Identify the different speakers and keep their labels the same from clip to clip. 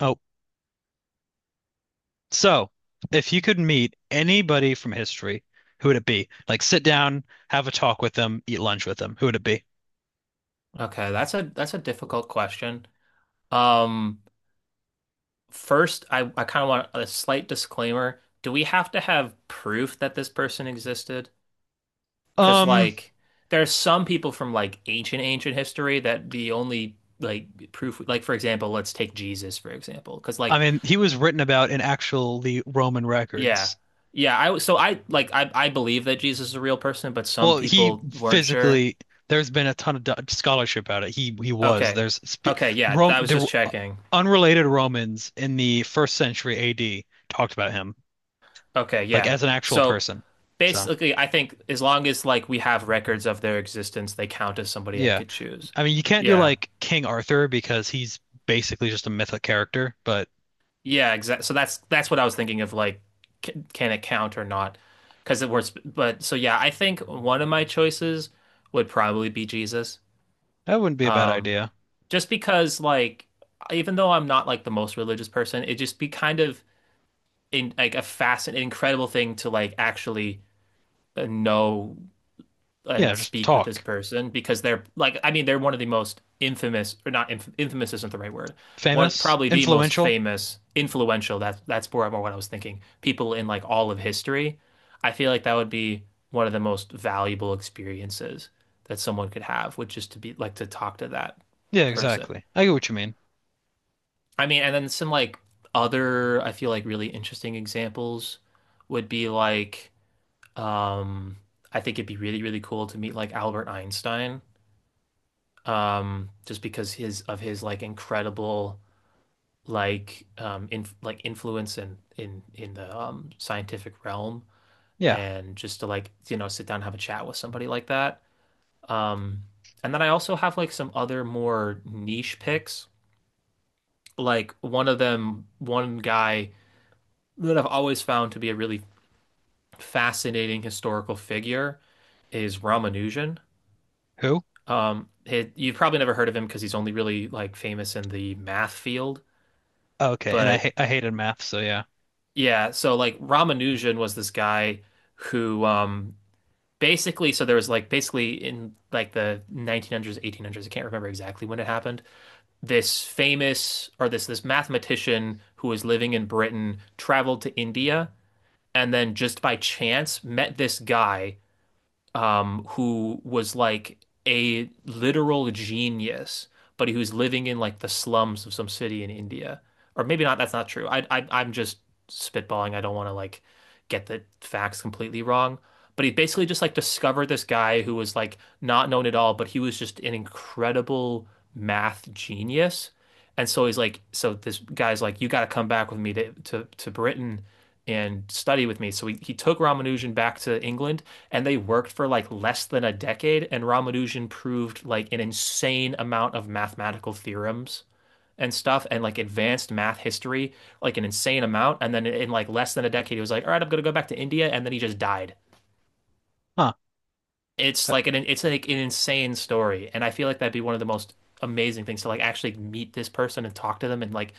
Speaker 1: Oh, so if you could meet anybody from history, who would it be? Like sit down, have a talk with them, eat lunch with them. Who would it be?
Speaker 2: Okay, that's a difficult question. Um, First, I kind of want a slight disclaimer. Do we have to have proof that this person existed? Because
Speaker 1: Um,
Speaker 2: like, there's some people from like ancient history that the only like proof, like for example, let's take Jesus for example. Because
Speaker 1: I
Speaker 2: like,
Speaker 1: mean, he was written about in actually Roman
Speaker 2: yeah,
Speaker 1: records.
Speaker 2: yeah, I so I like I believe that Jesus is a real person, but some
Speaker 1: Well, he
Speaker 2: people weren't sure.
Speaker 1: physically there's been a ton of scholarship about it. He was
Speaker 2: Okay,
Speaker 1: there's sp
Speaker 2: okay, yeah,
Speaker 1: Rome
Speaker 2: I was
Speaker 1: the
Speaker 2: just checking.
Speaker 1: unrelated Romans in the first century AD talked about him
Speaker 2: Okay,
Speaker 1: like
Speaker 2: yeah.
Speaker 1: as an actual
Speaker 2: So,
Speaker 1: person. So,
Speaker 2: basically, I think as long as like we have records of their existence, they count as somebody I
Speaker 1: yeah.
Speaker 2: could choose.
Speaker 1: I mean, you can't do
Speaker 2: Yeah,
Speaker 1: like King Arthur because he's basically just a mythic character, but
Speaker 2: yeah, exactly. So that's what I was thinking of. Like, can it count or not? Because it was, but so yeah, I think one of my choices would probably be Jesus.
Speaker 1: that wouldn't be a bad
Speaker 2: Um,
Speaker 1: idea.
Speaker 2: just because like, even though I'm not like the most religious person, it'd just be kind of, in like a fascinating, incredible thing, to like actually, know
Speaker 1: Yeah,
Speaker 2: and
Speaker 1: just
Speaker 2: speak with this
Speaker 1: talk.
Speaker 2: person, because they're like, I mean, they're one of the most infamous, or not, infamous isn't the right word, one,
Speaker 1: Famous,
Speaker 2: probably the most
Speaker 1: influential.
Speaker 2: famous, influential, that's more what I was thinking, people in like all of history. I feel like that would be one of the most valuable experiences that someone could have, which is to be like, to talk to that
Speaker 1: Yeah,
Speaker 2: person.
Speaker 1: exactly. I get what you mean.
Speaker 2: I mean, and then some like other, I feel like really interesting examples would be like, um I think it'd be really really cool to meet like Albert Einstein. Just because his, of his like incredible, like in like influence in the scientific realm.
Speaker 1: Yeah.
Speaker 2: And just to like, sit down and have a chat with somebody like that. um and then I also have like some other more niche picks. Like, one of them one guy that I've always found to be a really fascinating historical figure, is Ramanujan.
Speaker 1: Who?
Speaker 2: You've probably never heard of him because he's only really like famous in the math field,
Speaker 1: Okay, and
Speaker 2: but
Speaker 1: I hated math, so yeah.
Speaker 2: Yeah, so like Ramanujan was this guy who, basically, so there was like, basically in like the 1900s, 1800s, I can't remember exactly when it happened. This famous or this mathematician who was living in Britain traveled to India, and then just by chance met this guy, who was like a literal genius, but he was living in like the slums of some city in India. Or maybe not, that's not true. I'm just spitballing. I don't want to like get the facts completely wrong. But he basically just like discovered this guy who was like not known at all, but he was just an incredible math genius. And so he's like, so this guy's like, you got to come back with me to Britain and study with me. So he took Ramanujan back to England, and they worked for like less than a decade. And Ramanujan proved like an insane amount of mathematical theorems and stuff, and like advanced math history, like an insane amount. And then in like less than a decade, he was like, all right, I'm going to go back to India. And then he just died.
Speaker 1: Huh.
Speaker 2: It's
Speaker 1: I,
Speaker 2: like an it's like an insane story, and I feel like that'd be one of the most amazing things to like actually meet this person and talk to them and like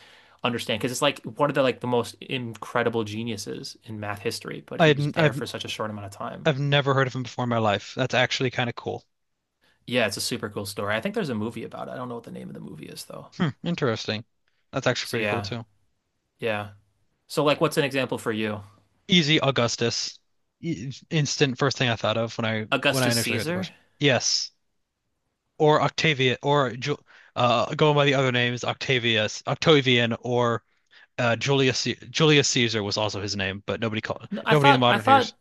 Speaker 2: understand, because it's like one of the most incredible geniuses in math history, but
Speaker 1: I
Speaker 2: he was
Speaker 1: hadn't,
Speaker 2: there
Speaker 1: I've
Speaker 2: for such a short amount of time.
Speaker 1: I've never heard of him before in my life. That's actually kind of cool.
Speaker 2: Yeah, it's a super cool story. I think there's a movie about it. I don't know what the name of the movie is though.
Speaker 1: Hmm, interesting. That's actually
Speaker 2: So
Speaker 1: pretty cool
Speaker 2: yeah,
Speaker 1: too.
Speaker 2: yeah. So like, what's an example for you?
Speaker 1: Easy Augustus. Instant first thing I thought of when I
Speaker 2: Augustus
Speaker 1: initially heard the
Speaker 2: Caesar?
Speaker 1: question. Yes. or Octavia or Ju Going by the other names, Octavius, Octavian, or Julius Caesar was also his name, but
Speaker 2: No, I
Speaker 1: nobody in
Speaker 2: thought
Speaker 1: modern hears.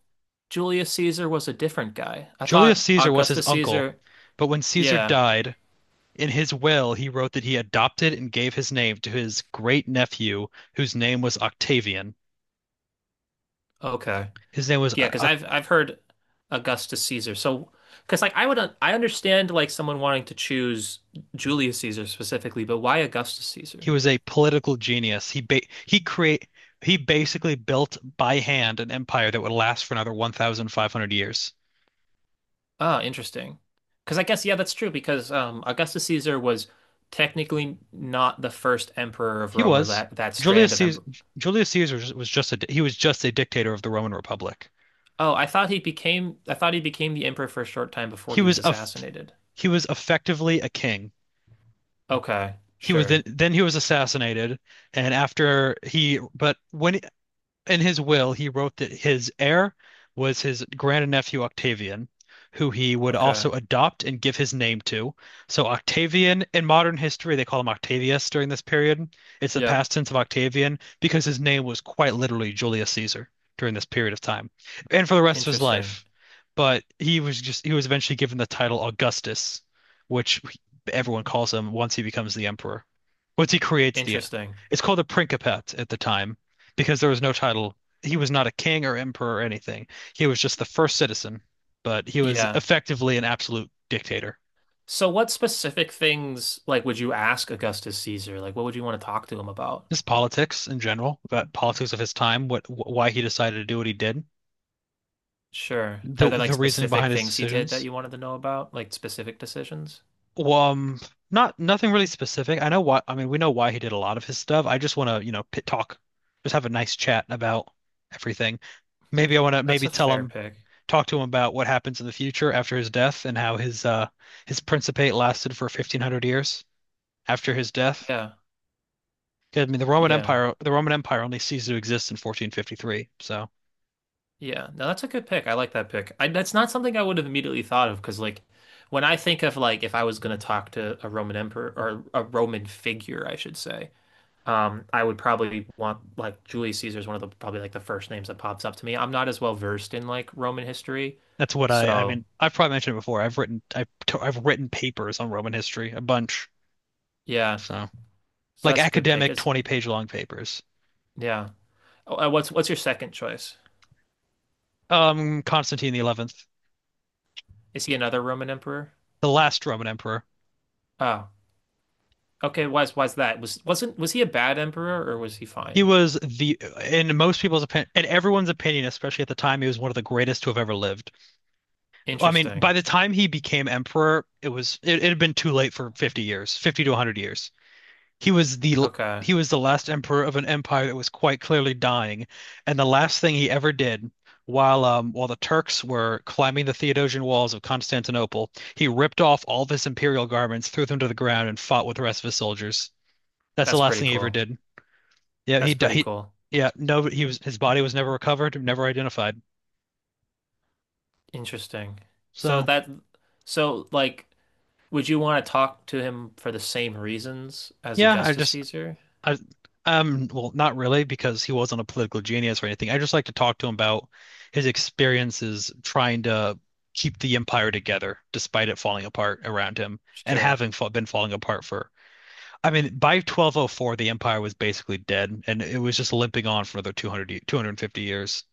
Speaker 2: Julius Caesar was a different guy. I
Speaker 1: Julius
Speaker 2: thought
Speaker 1: Caesar was his
Speaker 2: Augustus
Speaker 1: uncle,
Speaker 2: Caesar.
Speaker 1: but when Caesar
Speaker 2: Yeah.
Speaker 1: died, in his will he wrote that he adopted and gave his name to his great nephew, whose name was Octavian.
Speaker 2: Okay.
Speaker 1: His name was
Speaker 2: Yeah, because I've heard Augustus Caesar. So, because like I understand like someone wanting to choose Julius Caesar specifically, but why Augustus
Speaker 1: He
Speaker 2: Caesar?
Speaker 1: was a political genius. He ba he create He basically built by hand an empire that would last for another 1,500 years.
Speaker 2: Ah, interesting. Because I guess, yeah, that's true. Because Augustus Caesar was technically not the first emperor of
Speaker 1: He
Speaker 2: Rome, or
Speaker 1: was.
Speaker 2: that
Speaker 1: Julius
Speaker 2: strand of
Speaker 1: Caesar,
Speaker 2: emperor.
Speaker 1: Julius Caesar was just a dictator of the Roman Republic.
Speaker 2: Oh, I thought he became, the emperor for a short time before
Speaker 1: He
Speaker 2: he was
Speaker 1: was a
Speaker 2: assassinated.
Speaker 1: he was effectively a king.
Speaker 2: Okay,
Speaker 1: He was
Speaker 2: sure.
Speaker 1: then he was assassinated, and after he but when in his will, he wrote that his heir was his grandnephew Octavian, who he would
Speaker 2: Okay.
Speaker 1: also adopt and give his name to. So Octavian in modern history, they call him Octavius during this period. It's the
Speaker 2: Yep.
Speaker 1: past tense of Octavian because his name was quite literally Julius Caesar during this period of time and for the rest of his
Speaker 2: Interesting.
Speaker 1: life. But he was eventually given the title Augustus, which everyone calls him once he becomes the emperor. Once he creates the
Speaker 2: Interesting.
Speaker 1: It's called the Principate at the time because there was no title. He was not a king or emperor or anything. He was just the first citizen, but he was
Speaker 2: Yeah.
Speaker 1: effectively an absolute dictator.
Speaker 2: So what specific things like would you ask Augustus Caesar? Like what would you want to talk to him about?
Speaker 1: His politics in general, about politics of his time, what why he decided to do what he did,
Speaker 2: Sure.
Speaker 1: the
Speaker 2: Are there like
Speaker 1: the reasoning
Speaker 2: specific
Speaker 1: behind his
Speaker 2: things he did that
Speaker 1: decisions.
Speaker 2: you wanted to know about? Like specific decisions?
Speaker 1: Well, not nothing really specific. I know why. I mean, we know why he did a lot of his stuff. I just want to, you know, pit talk, just have a nice chat about everything. Maybe I want to
Speaker 2: That's
Speaker 1: maybe
Speaker 2: a
Speaker 1: tell
Speaker 2: fair
Speaker 1: him
Speaker 2: pick.
Speaker 1: Talk to him about what happens in the future after his death and how his principate lasted for 1,500 years after his death.
Speaker 2: Yeah.
Speaker 1: I mean,
Speaker 2: Yeah.
Speaker 1: The Roman Empire only ceased to exist in 1453. So
Speaker 2: Yeah. No, that's a good pick. I like that pick. That's not something I would have immediately thought of, because like, when I think of like, if I was going to talk to a Roman emperor, or a Roman figure I should say, I would probably want like Julius Caesar is one of the probably like the first names that pops up to me. I'm not as well versed in like Roman history,
Speaker 1: that's I
Speaker 2: so
Speaker 1: mean, I've probably mentioned it before. I've written papers on Roman history, a bunch.
Speaker 2: yeah,
Speaker 1: So
Speaker 2: so
Speaker 1: like
Speaker 2: that's a good pick.
Speaker 1: academic
Speaker 2: It's
Speaker 1: 20-page long papers.
Speaker 2: yeah. Oh, what's your second choice?
Speaker 1: Constantine the 11th,
Speaker 2: Is he another Roman emperor?
Speaker 1: the last Roman emperor.
Speaker 2: Oh, okay. Why's that? Was wasn't was he a bad emperor, or was he
Speaker 1: He
Speaker 2: fine?
Speaker 1: was the, in most people's opinion, in everyone's opinion, especially at the time, he was one of the greatest to have ever lived. I mean,
Speaker 2: Interesting.
Speaker 1: by the time he became emperor, it had been too late for 50 years, 50 to 100 years. He was the
Speaker 2: Okay,
Speaker 1: he was the last emperor of an empire that was quite clearly dying, and the last thing he ever did while the Turks were climbing the Theodosian walls of Constantinople, he ripped off all of his imperial garments, threw them to the ground, and fought with the rest of his soldiers. That's the
Speaker 2: that's
Speaker 1: last
Speaker 2: pretty
Speaker 1: thing he ever
Speaker 2: cool.
Speaker 1: did. Yeah,
Speaker 2: That's
Speaker 1: he di-
Speaker 2: pretty
Speaker 1: he
Speaker 2: cool.
Speaker 1: yeah, no he was his body was never recovered, never identified.
Speaker 2: Interesting. So
Speaker 1: So,
Speaker 2: that, so like, would you want to talk to him for the same reasons as
Speaker 1: yeah,
Speaker 2: Augustus Caesar?
Speaker 1: I, well, not really, because he wasn't a political genius or anything. I just like to talk to him about his experiences trying to keep the empire together despite it falling apart around him and
Speaker 2: Sure,
Speaker 1: having fa been falling apart for, I mean, by 1204, the empire was basically dead and it was just limping on for another 250 years.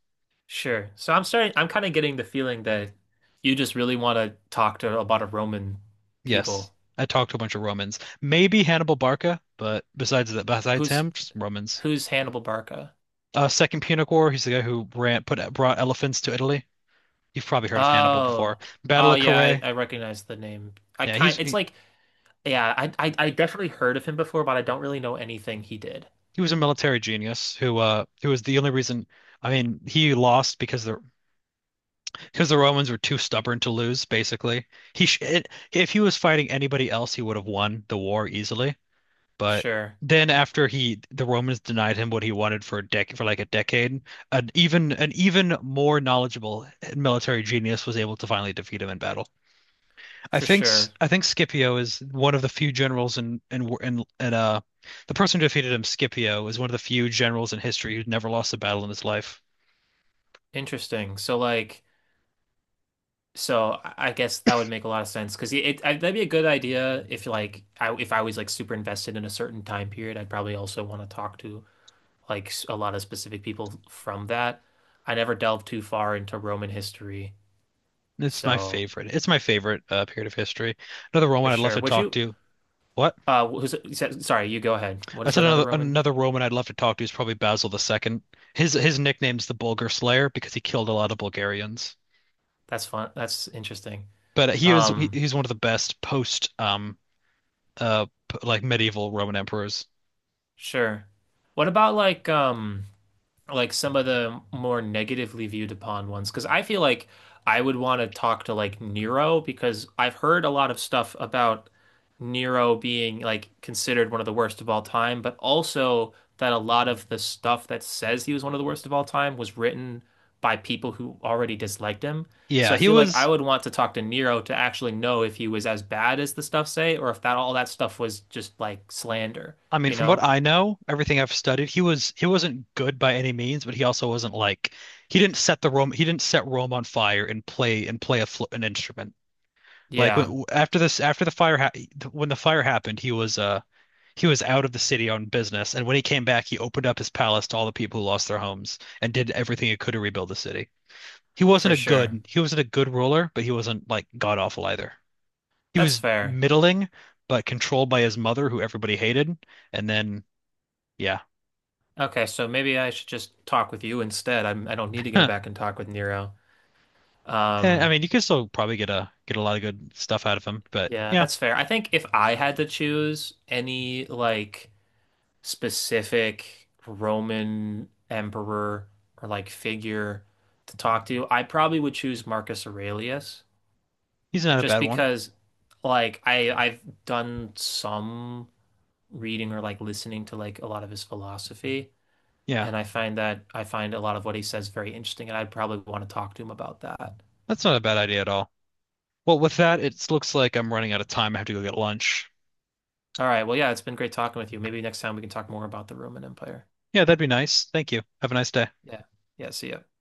Speaker 2: sure. So I'm starting, I'm kind of getting the feeling that you just really want to talk to a lot of Roman
Speaker 1: Yes,
Speaker 2: people.
Speaker 1: I talked to a bunch of Romans, maybe Hannibal Barca, but besides that, besides
Speaker 2: Who's
Speaker 1: him, just Romans.
Speaker 2: who's Hannibal Barca?
Speaker 1: Second Punic War, he's the guy who brought elephants to Italy. You've probably heard of Hannibal before.
Speaker 2: Oh,
Speaker 1: Battle
Speaker 2: oh
Speaker 1: of
Speaker 2: yeah, I,
Speaker 1: Carrhae.
Speaker 2: I recognize the name. I
Speaker 1: Yeah, he's
Speaker 2: kind, it's
Speaker 1: he,
Speaker 2: like, yeah, I definitely heard of him before, but I don't really know anything he did.
Speaker 1: he was a military genius who was the only reason. I mean, he lost because the Romans were too stubborn to lose. Basically, if he was fighting anybody else, he would have won the war easily. But
Speaker 2: Sure,
Speaker 1: then after he the Romans denied him what he wanted for a dec for like a decade, an even more knowledgeable military genius was able to finally defeat him in battle.
Speaker 2: for sure.
Speaker 1: I think Scipio is one of the few generals in the person who defeated him, Scipio, is one of the few generals in history who's never lost a battle in his life.
Speaker 2: Interesting. So like, so I guess that would make a lot of sense, because that'd be a good idea if like, I if I was like super invested in a certain time period, I'd probably also want to talk to. Like a lot of specific people from that. I never delved too far into Roman history,
Speaker 1: It's my
Speaker 2: so
Speaker 1: favorite. It's my favorite period of history. Another
Speaker 2: for
Speaker 1: Roman I'd love
Speaker 2: sure.
Speaker 1: to
Speaker 2: Would
Speaker 1: talk
Speaker 2: you?
Speaker 1: to. What?
Speaker 2: Who's, you said, sorry, you go ahead. What
Speaker 1: I
Speaker 2: is
Speaker 1: said
Speaker 2: another Roman?
Speaker 1: another Roman I'd love to talk to is probably Basil the Second. His nickname's the Bulgar Slayer because he killed a lot of Bulgarians.
Speaker 2: That's fun. That's interesting.
Speaker 1: But
Speaker 2: Um,
Speaker 1: he's one of the best post like medieval Roman emperors.
Speaker 2: sure. What about like? Like some of the more negatively viewed upon ones, because I feel like I would want to talk to like Nero, because I've heard a lot of stuff about Nero being like considered one of the worst of all time, but also that a lot of the stuff that says he was one of the worst of all time was written by people who already disliked him. So
Speaker 1: Yeah,
Speaker 2: I
Speaker 1: he
Speaker 2: feel like I
Speaker 1: was.
Speaker 2: would want to talk to Nero to actually know if he was as bad as the stuff say, or if that, all that stuff was just like slander,
Speaker 1: I mean,
Speaker 2: you
Speaker 1: from what
Speaker 2: know?
Speaker 1: I know, everything I've studied, he wasn't good by any means, but he also wasn't like he didn't set the Rome he didn't set Rome on fire and play a fl an instrument. Like
Speaker 2: Yeah,
Speaker 1: when after this after the fire ha when the fire happened, he was out of the city on business, and when he came back, he opened up his palace to all the people who lost their homes and did everything he could to rebuild the city.
Speaker 2: for sure.
Speaker 1: He wasn't a good ruler, but he wasn't like god awful either. He
Speaker 2: That's
Speaker 1: was
Speaker 2: fair.
Speaker 1: middling, but controlled by his mother, who everybody hated, and then yeah.
Speaker 2: Okay, so maybe I should just talk with you instead. I'm, I don't need to go back and talk with Nero.
Speaker 1: And, I
Speaker 2: Um,
Speaker 1: mean, you could still probably get a lot of good stuff out of him, but
Speaker 2: yeah,
Speaker 1: yeah,
Speaker 2: that's fair. I think if I had to choose any like specific Roman emperor or like figure to talk to, I probably would choose Marcus Aurelius,
Speaker 1: he's not a
Speaker 2: just
Speaker 1: bad one.
Speaker 2: because like I've done some reading, or like listening to like a lot of his philosophy.
Speaker 1: Yeah,
Speaker 2: And I find that, I find a lot of what he says very interesting, and I'd probably want to talk to him about that.
Speaker 1: that's not a bad idea at all. Well, with that, it looks like I'm running out of time. I have to go get lunch.
Speaker 2: All right. Well, yeah, it's been great talking with you. Maybe next time we can talk more about the Roman Empire.
Speaker 1: Yeah, that'd be nice. Thank you. Have a nice day.
Speaker 2: Yeah. Yeah. See ya.